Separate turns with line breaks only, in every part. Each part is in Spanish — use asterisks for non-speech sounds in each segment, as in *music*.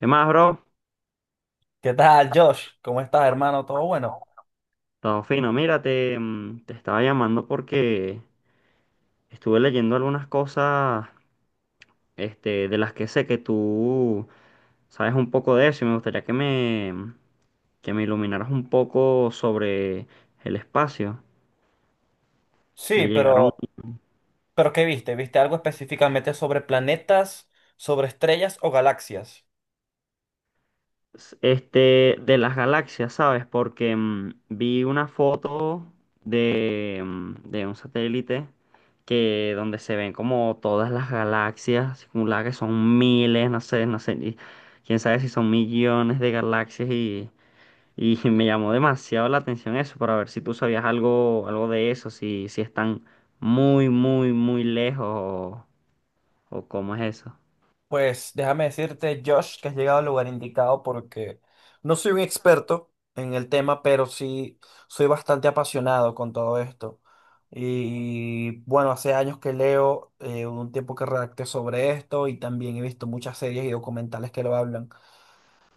¿Qué más, bro?
¿Qué tal, Josh? ¿Cómo estás, hermano? ¿Todo bueno?
Todo fino. Mira, te estaba llamando porque estuve leyendo algunas cosas, este, de las que sé que tú sabes un poco de eso y me gustaría que me iluminaras un poco sobre el espacio. Me
Sí,
llegaron
pero, ¿qué viste? ¿Viste algo específicamente sobre planetas, sobre estrellas o galaxias?
este, de las galaxias, ¿sabes? Porque vi una foto de un satélite que donde se ven como todas las galaxias acumuladas, que son miles, no sé, quién sabe si son millones de galaxias y *laughs* me llamó demasiado la atención eso, para ver si tú sabías algo, algo de eso, si están muy, muy, muy lejos o cómo es eso.
Pues déjame decirte, Josh, que has llegado al lugar indicado porque no soy un experto en el tema, pero sí soy bastante apasionado con todo esto. Y bueno, hace años que leo, un tiempo que redacté sobre esto y también he visto muchas series y documentales que lo hablan.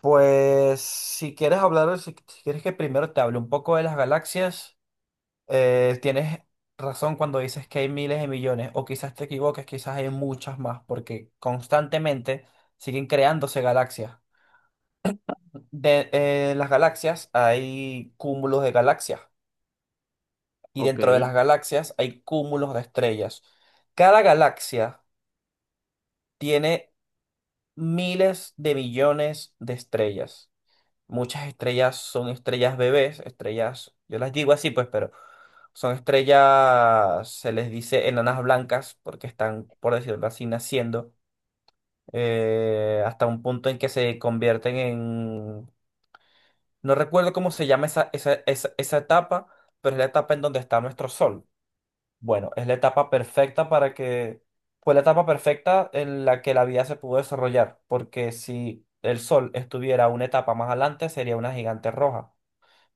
Pues si quieres hablar, si quieres que primero te hable un poco de las galaxias, tienes razón cuando dices que hay miles de millones, o quizás te equivoques, quizás hay muchas más, porque constantemente siguen creándose galaxias. En las galaxias hay cúmulos de galaxias, y
Ok.
dentro de las galaxias hay cúmulos de estrellas. Cada galaxia tiene miles de millones de estrellas. Muchas estrellas son estrellas bebés, estrellas, yo las digo así pues, pero son estrellas, se les dice enanas blancas porque están, por decirlo así, naciendo hasta un punto en que se convierten en... No recuerdo cómo se llama esa etapa, pero es la etapa en donde está nuestro sol. Bueno, es la etapa perfecta para que... Fue la etapa perfecta en la que la vida se pudo desarrollar, porque si el sol estuviera una etapa más adelante, sería una gigante roja.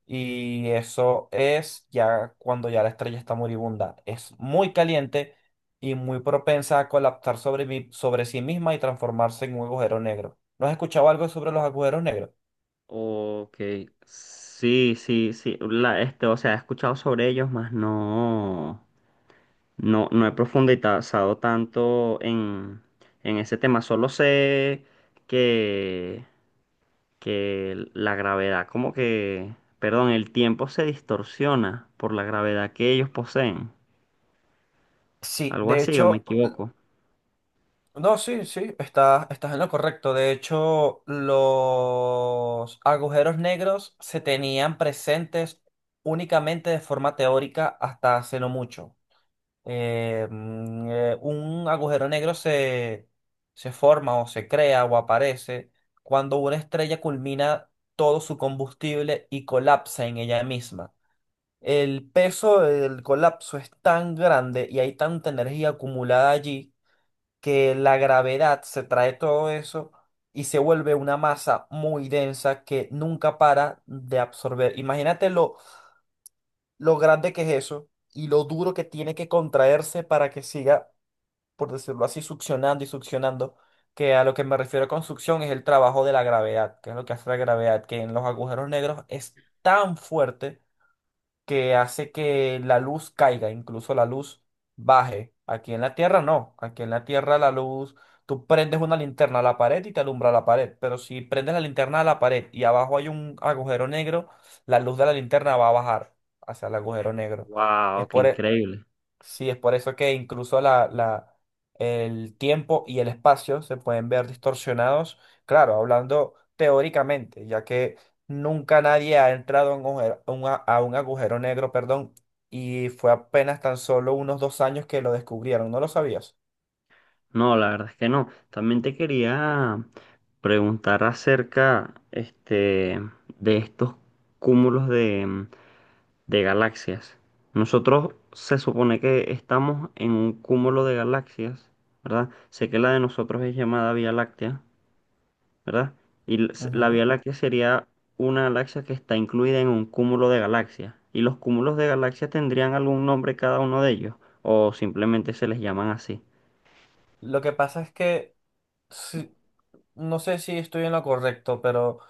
Y eso es ya cuando ya la estrella está moribunda. Es muy caliente y muy propensa a colapsar sobre, sobre sí misma y transformarse en un agujero negro. ¿No has escuchado algo sobre los agujeros negros?
Ok, sí, sí, sí, la, este, o sea, he escuchado sobre ellos, mas no, no he profundizado tanto en ese tema, solo sé que, que la gravedad, como que, perdón, el tiempo se distorsiona por la gravedad que ellos poseen,
Sí,
algo
de
así, o me
hecho,
equivoco.
no, sí, sí, estás en lo correcto. De hecho, los agujeros negros se tenían presentes únicamente de forma teórica hasta hace no mucho. Un agujero negro se forma o se crea o aparece cuando una estrella culmina todo su combustible y colapsa en ella misma. El peso del colapso es tan grande y hay tanta energía acumulada allí que la gravedad se trae todo eso y se vuelve una masa muy densa que nunca para de absorber. Imagínate lo grande que es eso y lo duro que tiene que contraerse para que siga por decirlo así, succionando y succionando, que a lo que me refiero con succión es el trabajo de la gravedad, que es lo que hace la gravedad, que en los agujeros negros es tan fuerte que hace que la luz caiga, incluso la luz baje. Aquí en la Tierra no, aquí en la Tierra la luz, tú prendes una linterna a la pared y te alumbra la pared, pero si prendes la linterna a la pared y abajo hay un agujero negro, la luz de la linterna va a bajar hacia el agujero negro.
Wow,
Es
qué
por, e,
increíble.
Sí, es por eso que incluso el tiempo y el espacio se pueden ver distorsionados, claro, hablando teóricamente, ya que nunca nadie ha entrado a un agujero, a un agujero negro, perdón, y fue apenas tan solo unos dos años que lo descubrieron, ¿no lo sabías?
No, la verdad es que no. También te quería preguntar acerca, este, de estos cúmulos de galaxias. Nosotros se supone que estamos en un cúmulo de galaxias, ¿verdad? Sé que la de nosotros es llamada Vía Láctea, ¿verdad? La
Ujú.
Vía Láctea sería una galaxia que está incluida en un cúmulo de galaxias. ¿Y los cúmulos de galaxias tendrían algún nombre cada uno de ellos? ¿O simplemente se les llaman así?
Lo que pasa es que sí. No sé si estoy en lo correcto, pero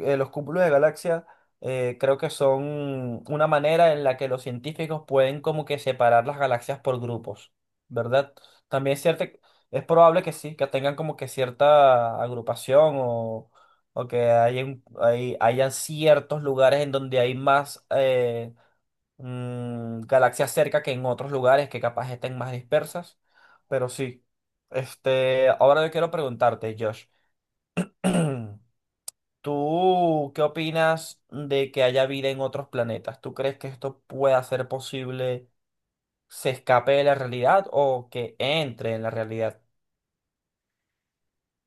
los cúpulos de galaxia, creo que son una manera en la que los científicos pueden como que separar las galaxias por grupos, ¿verdad? También es cierto, es probable que sí, que tengan como que cierta agrupación o que hayan ciertos lugares en donde hay más galaxias cerca que en otros lugares que capaz estén más dispersas, pero sí. Este, ahora yo quiero preguntarte, Josh. *clears throat* ¿Tú qué opinas de que haya vida en otros planetas? ¿Tú crees que esto pueda ser posible, se escape de la realidad o que entre en la realidad?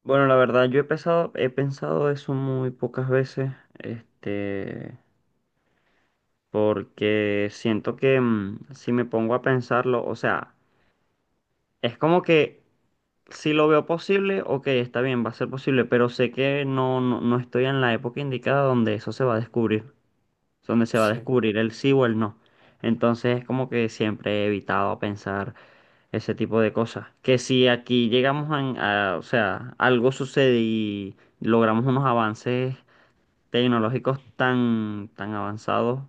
Bueno, la verdad, he pensado eso muy pocas veces, este, porque siento que si me pongo a pensarlo, o sea, es como que si lo veo posible, ok, está bien, va a ser posible, pero sé que no, no estoy en la época indicada donde eso se va a descubrir, donde se va a
Sí,
descubrir el sí o el no. Entonces es como que siempre he evitado pensar ese tipo de cosas. Que si aquí llegamos o sea, algo sucede y logramos unos avances tecnológicos tan, tan avanzados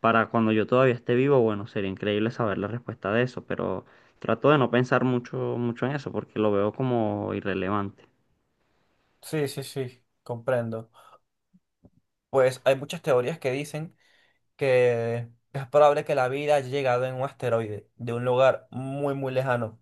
para cuando yo todavía esté vivo, bueno, sería increíble saber la respuesta de eso, pero trato de no pensar mucho, mucho en eso porque lo veo como irrelevante.
sí, sí, sí, comprendo. Pues hay muchas teorías que dicen que es probable que la vida haya llegado en un asteroide de un lugar muy, muy lejano.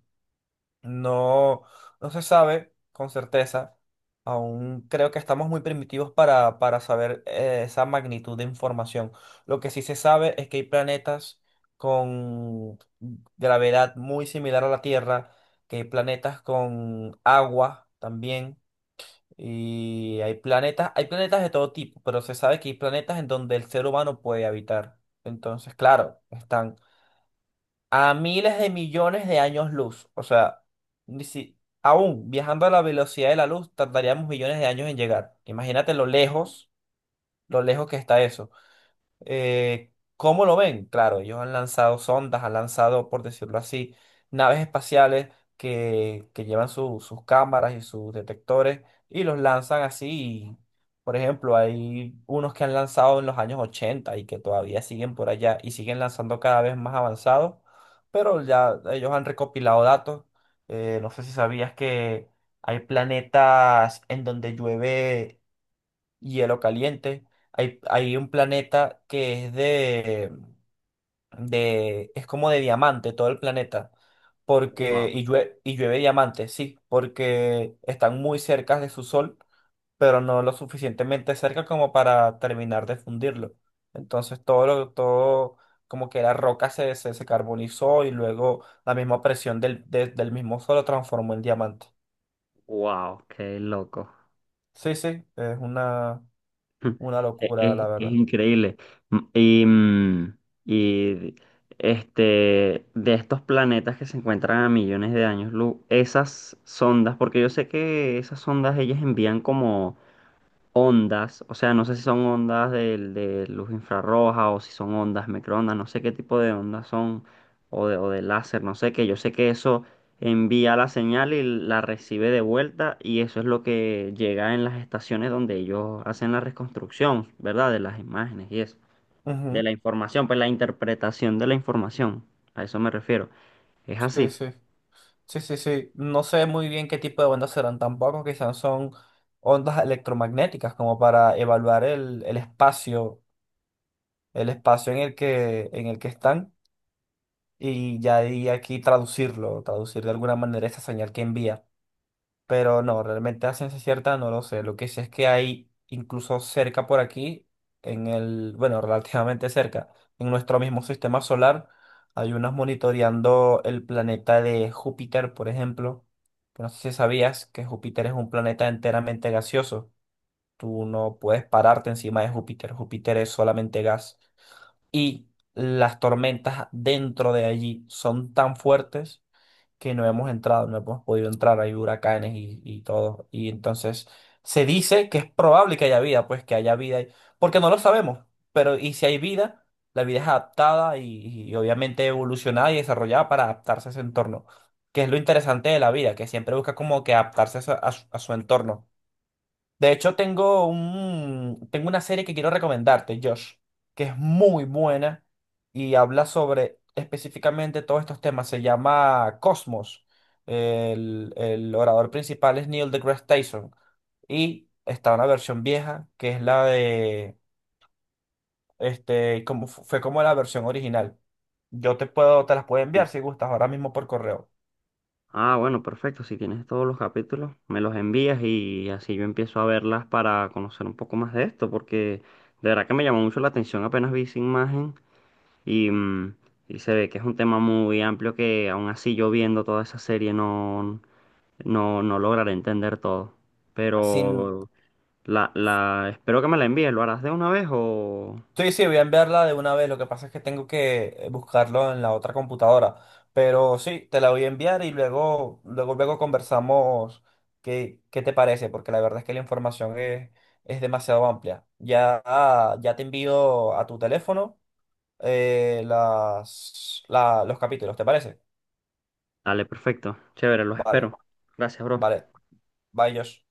No, no se sabe con certeza. Aún creo que estamos muy primitivos para saber esa magnitud de información. Lo que sí se sabe es que hay planetas con gravedad muy similar a la Tierra, que hay planetas con agua también, y hay planetas de todo tipo, pero se sabe que hay planetas en donde el ser humano puede habitar. Entonces, claro, están a miles de millones de años luz. O sea, ni si, aún viajando a la velocidad de la luz, tardaríamos millones de años en llegar. Imagínate lo lejos que está eso. ¿Cómo lo ven? Claro, ellos han lanzado sondas, han lanzado, por decirlo así, naves espaciales que llevan sus cámaras y sus detectores y los lanzan así. Y, por ejemplo, hay unos que han lanzado en los años 80 y que todavía siguen por allá y siguen lanzando cada vez más avanzados, pero ya ellos han recopilado datos. No sé si sabías que hay planetas en donde llueve hielo caliente. Hay un planeta que es de, es como de diamante todo el planeta, porque,
Wow,
y llueve diamante, sí, porque están muy cerca de su sol, pero no lo suficientemente cerca como para terminar de fundirlo. Entonces todo lo, todo, como que la roca se carbonizó y luego la misma presión del mismo sol lo transformó en diamante.
wow, qué loco.
Sí, sí, es
*laughs*
una
Es,
locura, la
es
verdad.
increíble. Mm, Y, mm, y este, de estos planetas que se encuentran a millones de años luz, esas sondas, porque yo sé que esas sondas ellas envían como ondas, o sea, no sé si son ondas de, luz infrarroja o si son ondas microondas, no sé qué tipo de ondas son o de láser, no sé qué, yo sé que eso envía la señal y la recibe de vuelta y eso es lo que llega en las estaciones donde ellos hacen la reconstrucción, ¿verdad? De las imágenes y eso, de
Ujú.
la información, pues la interpretación de la información, a eso me refiero, es
Sí,
así.
sí. Sí, sí, sí. No sé muy bien qué tipo de ondas serán tampoco. Quizás son ondas electromagnéticas como para evaluar el espacio en el que están y ya de ahí aquí traducirlo, traducir de alguna manera esa señal que envía. Pero no, realmente a ciencia cierta no lo sé. Lo que sé es que hay incluso cerca por aquí, en el, bueno, *laughs* relativamente cerca, en nuestro mismo sistema solar, hay unos monitoreando el planeta de Júpiter, por ejemplo. Pues no sé si sabías que Júpiter es un planeta enteramente gaseoso. Tú no puedes pararte encima de Júpiter. Júpiter es solamente gas. Y las tormentas dentro de allí son tan fuertes que no hemos entrado, no hemos podido entrar, hay huracanes y todo. Y entonces se dice que es probable que haya vida, pues que haya vida, ahí, porque no lo sabemos, pero y si hay vida, la vida es adaptada y obviamente evolucionada y desarrollada para adaptarse a ese entorno, que es lo interesante de la vida, que siempre busca como que adaptarse a a su entorno. De hecho, tengo un, tengo una serie que quiero recomendarte, Josh, que es muy buena y habla sobre específicamente todos estos temas. Se llama Cosmos. El orador principal es Neil deGrasse Tyson. Y está una versión vieja, que es la de, este, como, fue como la versión original. Yo te puedo, te las puedo enviar si gustas ahora mismo por correo.
Ah, bueno, perfecto. Si tienes todos los capítulos, me los envías y así yo empiezo a verlas para conocer un poco más de esto, porque de verdad que me llamó mucho la atención apenas vi esa imagen y, y se ve que es un tema muy amplio que aún así yo viendo toda esa serie no, no lograré entender todo.
Sin...
Pero la, espero que me la envíes. ¿Lo harás de una vez o...?
Sí, sí, voy a enviarla de una vez. Lo que pasa es que tengo que buscarlo en la otra computadora. Pero sí, te la voy a enviar y luego, luego, luego conversamos qué, qué te parece, porque la verdad es que la información es demasiado amplia. Ya, ah, ya te envío a tu teléfono las, los capítulos, ¿te parece?
Dale, perfecto. Chévere, los
Vale,
espero. Gracias, bro.
vale. Bye, Josh.